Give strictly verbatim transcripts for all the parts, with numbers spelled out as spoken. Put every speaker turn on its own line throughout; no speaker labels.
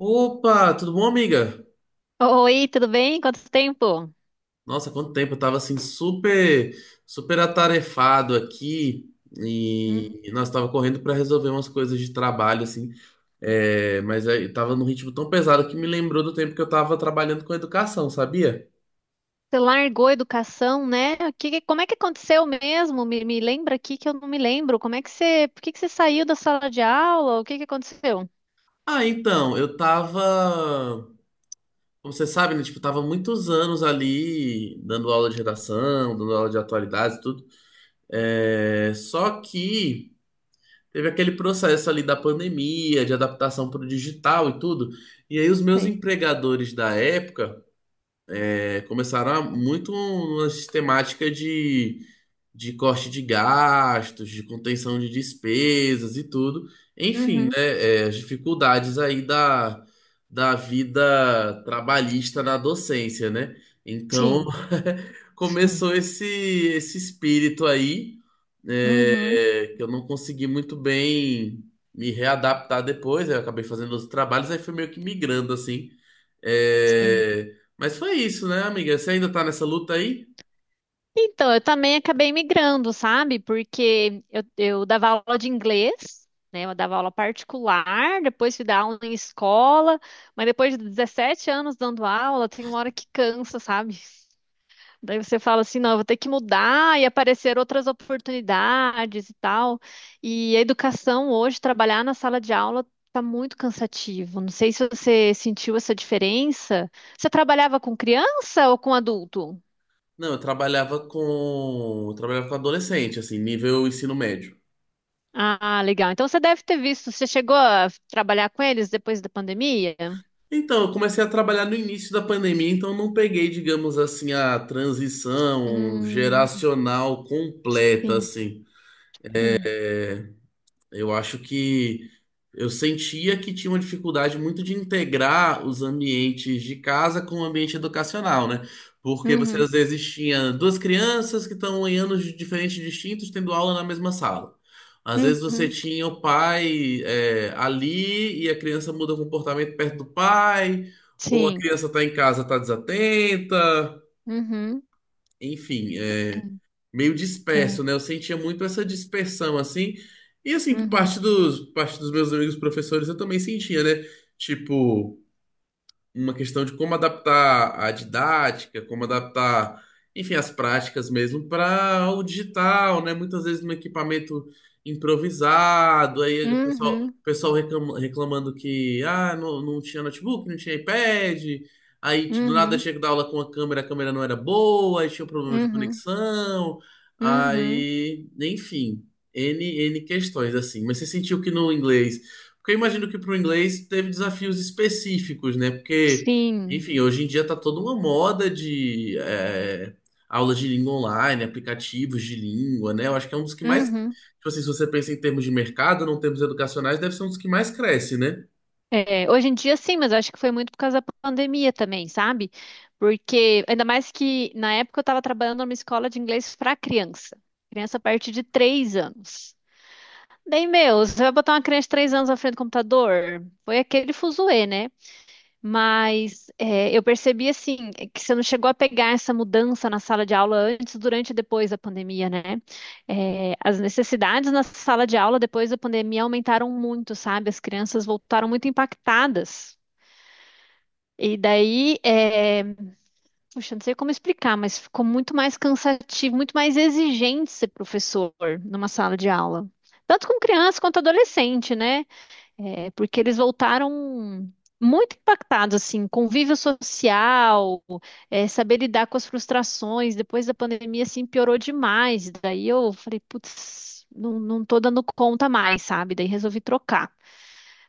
Opa, tudo bom, amiga?
Oi, tudo bem? Quanto tempo?
Nossa, quanto tempo, eu tava assim super, super atarefado aqui
Uhum.
e nós tava correndo pra resolver umas coisas de trabalho assim, é, mas aí eu tava num ritmo tão pesado que me lembrou do tempo que eu tava trabalhando com educação, sabia?
Você largou a educação, né? O Que, como é que aconteceu mesmo? Me, me lembra aqui que eu não me lembro. Como é que você, por que que você saiu da sala de aula? O que que aconteceu?
Ah, então, eu tava, como você sabe, né, tipo, eu tava muitos anos ali dando aula de redação, dando aula de atualidades e tudo. É, só que teve aquele processo ali da pandemia, de adaptação para o digital e tudo. E aí os meus
Sei.
empregadores da época eh, começaram a- muito uma sistemática de, de corte de gastos, de contenção de despesas e tudo. Enfim, né,
Uhum.
eh, as dificuldades aí da, da vida trabalhista na docência, né? Então
Sim.
começou esse, esse espírito aí.
Uhum.
Eu não consegui muito bem me readaptar depois, aí eu acabei fazendo outros trabalhos, aí fui meio que migrando assim.
Sim.
É, mas foi isso, né, amiga? Você ainda tá nessa luta aí?
Então, eu também acabei migrando, sabe? Porque eu, eu dava aula de inglês, né? Eu dava aula particular, depois fui dar aula em escola, mas depois de dezessete anos dando aula, tem uma hora que cansa, sabe? Daí você fala assim, não, eu vou ter que mudar e aparecer outras oportunidades e tal. E a educação hoje, trabalhar na sala de aula, tá muito cansativo. Não sei se você sentiu essa diferença. Você trabalhava com criança ou com adulto?
Não, eu trabalhava com, eu trabalhava com adolescente, assim, nível ensino médio.
Ah, legal. Então você deve ter visto. Você chegou a trabalhar com eles depois da pandemia?
Então, eu comecei a trabalhar no início da pandemia, então eu não peguei, digamos assim, a transição
Hum,
geracional completa,
sim,
assim.
sim.
Eu acho que eu sentia que tinha uma dificuldade muito de integrar os ambientes de casa com o ambiente educacional, né? Porque você
Uhum,
às vezes tinha duas crianças que estão em anos de- diferentes distintos tendo aula na mesma sala. Às vezes você
uhum,
tinha o pai é, ali e a criança muda o comportamento perto do pai, ou a
sim.
criança está em casa, está desatenta,
Uhum,
enfim, é, meio
é, é.
disperso, né? Eu sentia muito essa dispersão, assim. E, assim, por
Uhum,
parte dos, por parte dos meus amigos professores, eu também sentia, né? Tipo, uma questão de como adaptar a didática, como adaptar, enfim, as práticas mesmo para o digital, né? Muitas vezes no equipamento improvisado, aí o pessoal,
uhum,
o pessoal reclama- reclamando que ah, não, não tinha notebook, não tinha iPad, aí do nada
uhum,
tinha que dar aula com a câmera, a câmera não era boa, aí tinha um problema de
uhum.
conexão,
Uhum,
aí, enfim, N, N questões assim. Mas você sentiu que no inglês, porque eu imagino que para o inglês teve desafios específicos, né? Porque,
sim.
enfim, hoje em dia tá toda uma moda de é, aulas de língua online, aplicativos de língua, né? Eu acho que é um dos que mais, tipo
Uhum.
assim, se você pensa em termos de mercado, não termos educacionais, deve ser um dos que mais cresce, né?
É, hoje em dia sim, mas eu acho que foi muito por causa da pandemia também, sabe? Porque, ainda mais que na época eu estava trabalhando numa escola de inglês para criança. Criança a partir de três anos. Daí, meu, você vai botar uma criança de três anos na frente do computador? Foi aquele fuzuê, né? Mas é, eu percebi assim é que você não chegou a pegar essa mudança na sala de aula antes, durante e depois da pandemia, né? É, as necessidades na sala de aula depois da pandemia aumentaram muito, sabe? As crianças voltaram muito impactadas. E daí, é, puxa, não sei como explicar, mas ficou muito mais cansativo, muito mais exigente ser professor numa sala de aula. Tanto com criança quanto adolescente, né? É, porque eles voltaram muito impactados, assim, convívio social, é, saber lidar com as frustrações, depois da pandemia, assim, piorou demais. Daí eu falei, putz, não, não tô dando conta mais, sabe? Daí resolvi trocar.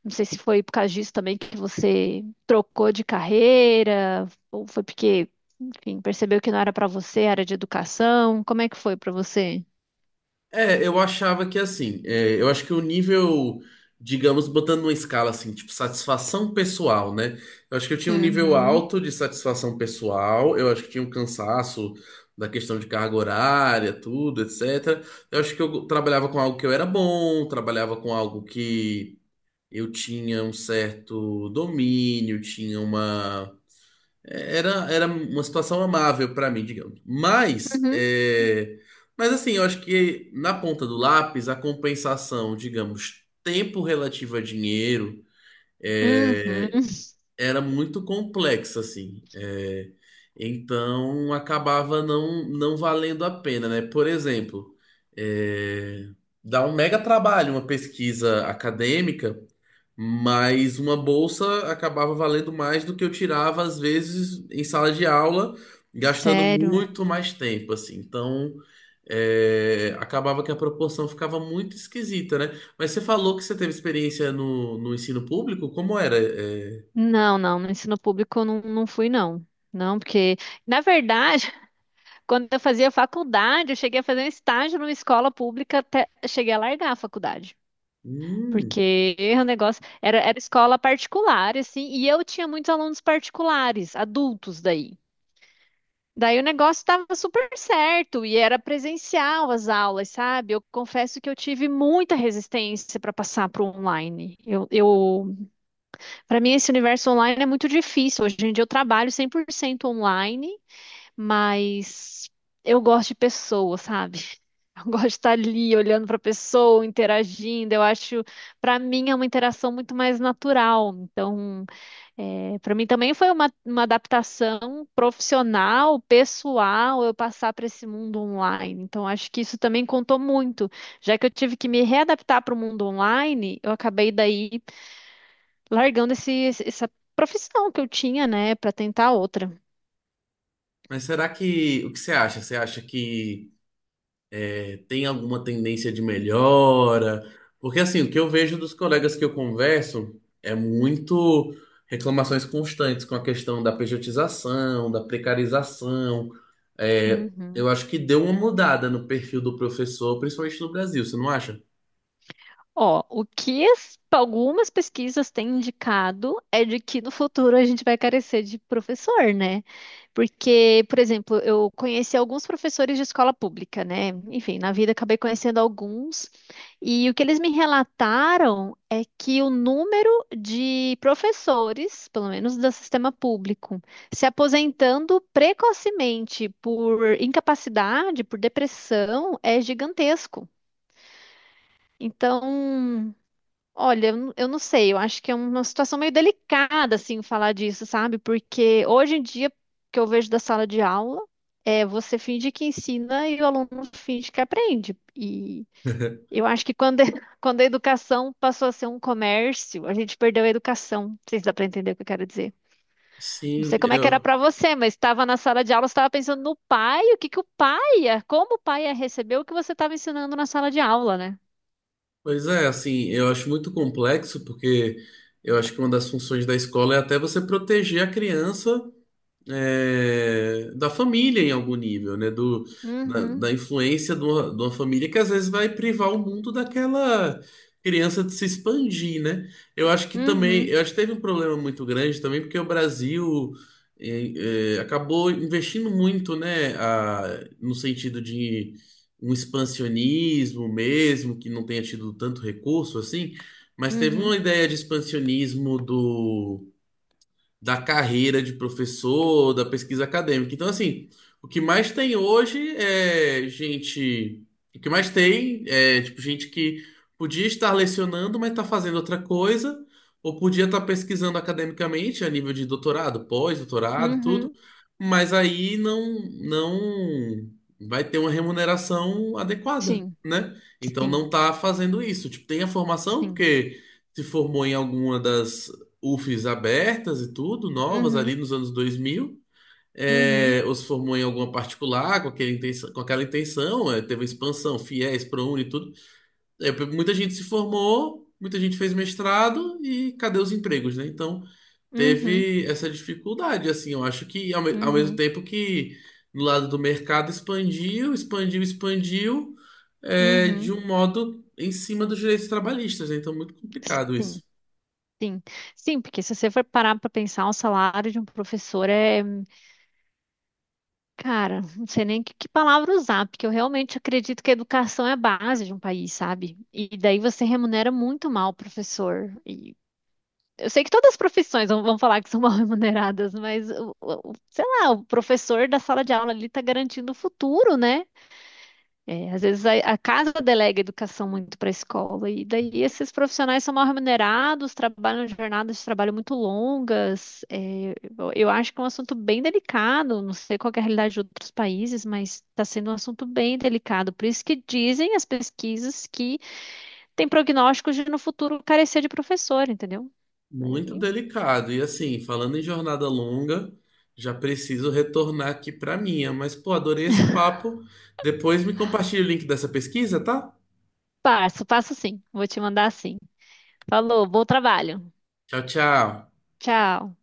Não sei se foi por causa disso também que você trocou de carreira, ou foi porque, enfim, percebeu que não era para você, era de educação. Como é que foi para você?
É, eu achava que assim, é, eu acho que o nível, digamos, botando numa escala assim, tipo satisfação pessoal, né? Eu acho que eu tinha um nível
Uhum,
alto de satisfação pessoal, eu acho que tinha um cansaço da questão de carga horária, tudo, etcétera. Eu acho que eu trabalhava com algo que eu era bom, trabalhava com algo que eu tinha um certo domínio, tinha uma era, era uma situação amável pra mim, digamos. Mas,
uhum,
é, mas assim, eu acho que na ponta do lápis, a compensação, digamos, tempo relativo a dinheiro,
uhum.
era muito complexa, assim. É, então, acabava não, não valendo a pena, né? Por exemplo, é, dá um mega trabalho uma pesquisa acadêmica. Mas uma bolsa acabava valendo mais do que eu tirava, às vezes, em sala de aula, gastando
Sério.
muito mais tempo, assim. Então, é, acabava que a proporção ficava muito esquisita, né? Mas você falou que você teve experiência no, no ensino público? Como era? É,
Não, não, no ensino público eu não, não fui, não. Não, porque, na verdade, quando eu fazia faculdade, eu cheguei a fazer um estágio numa escola pública até cheguei a largar a faculdade.
hum,
Porque o negócio era, era, escola particular, assim, e eu tinha muitos alunos particulares, adultos daí. Daí o negócio estava super certo e era presencial as aulas, sabe? Eu confesso que eu tive muita resistência para passar para o online. Eu, eu Para mim, esse universo online é muito difícil. Hoje em dia eu trabalho cem por cento online, mas eu gosto de pessoas, sabe? Eu gosto de estar ali olhando para a pessoa, interagindo. Eu acho, para mim, é uma interação muito mais natural. Então, para mim também foi uma, uma adaptação profissional, pessoal, eu passar para esse mundo online. Então, acho que isso também contou muito. Já que eu tive que me readaptar para o mundo online, eu acabei daí largando esse, esse- essa profissão que eu tinha, né, para tentar outra.
mas será que... O que você acha? Você acha que tem alguma tendência de melhora? Porque assim, o que eu vejo dos colegas que eu converso é muito reclamações constantes com a questão da pejotização, da precarização. É,
Uhum.
eu acho que deu uma mudada no perfil do professor, principalmente no Brasil, você não acha?
Ó, o que as- algumas pesquisas têm indicado é de que no futuro a gente vai carecer de professor, né? Porque, por exemplo, eu conheci alguns professores de escola pública, né? Enfim, na vida acabei conhecendo alguns, e o que eles me relataram é que o número de professores, pelo menos do sistema público, se aposentando precocemente por incapacidade, por depressão, é gigantesco. Então, olha, eu n- eu não sei, eu acho que é uma situação meio delicada, assim, falar disso, sabe? Porque hoje em dia, o que eu vejo da sala de aula é você finge que ensina e o aluno finge que aprende. E eu acho que quando, quando a educação passou a ser um comércio, a gente perdeu a educação. Não sei se dá para entender o que eu quero dizer. Não sei
Sim,
como é que era
eu.
para você, mas estava na sala de aula, você estava pensando no pai, o que que o pai ia, como o pai ia receber o que você estava ensinando na sala de aula, né?
Pois é, assim, eu acho muito complexo, porque eu acho que uma das funções da escola é até você proteger a criança é, da família em algum nível, né? Do, da,
Uhum,
da influência de uma, de uma família que às vezes vai privar o mundo daquela criança de se expandir, né? Eu acho que também,
uhum,
eu acho que teve um problema muito grande também, porque o Brasil é, é, acabou investindo muito, né? A- no sentido de um expansionismo mesmo, que não tenha tido tanto recurso assim, mas teve
uhum,
uma ideia de expansionismo do da carreira de professor, da pesquisa acadêmica. Então, assim, o que mais tem hoje é gente. O que mais tem é, tipo, gente que podia estar lecionando, mas está fazendo outra coisa, ou podia estar pesquisando academicamente a nível de doutorado, pós-doutorado, tudo,
uhum.
mas aí não, não vai ter uma remuneração adequada,
Sim,
né? Então não
sim,
está fazendo isso. Tipo, tem a formação,
sim.
porque se formou em alguma das UFES abertas e tudo, novas ali
Uhum,
nos anos dois mil.
uhum,
É, ou se formou em alguma particular com, aquele intenção- com aquela intenção, é, teve a expansão, FIES, ProUni e tudo. É, muita gente se formou, muita gente fez mestrado e cadê os empregos, né? Então
uhum,
teve essa dificuldade, assim, eu acho que ao, me- ao mesmo
uhum,
tempo que no lado do mercado expandiu, expandiu, expandiu, é, de
uhum.
um modo em cima dos direitos trabalhistas, né? Então muito complicado isso.
Sim, sim. Sim, porque se você for parar para pensar, o salário de um professor é. Cara, não sei nem que, que palavra usar, porque eu realmente acredito que a educação é a base de um país, sabe? E daí você remunera muito mal o professor. E eu sei que todas as profissões vão, vão, falar que são mal remuneradas, mas, o- o- o- sei lá, o professor da sala de aula ali está garantindo o futuro, né? É, às vezes a, a casa delega educação muito para a escola, e daí esses profissionais são mal remunerados, trabalham jornadas de trabalho muito longas. É, eu eu acho que é um assunto bem delicado, não sei qual que é a realidade de outros países, mas está sendo um assunto bem delicado. Por isso que dizem as pesquisas que tem prognósticos de no futuro carecer de professor, entendeu?
Muito
Aí,
delicado. E assim, falando em jornada longa, já preciso retornar aqui para minha. Mas, pô, adorei esse papo. Depois me compartilha o link dessa pesquisa, tá?
passo, passo sim, vou te mandar sim. Falou, bom trabalho.
Tchau, tchau.
Tchau.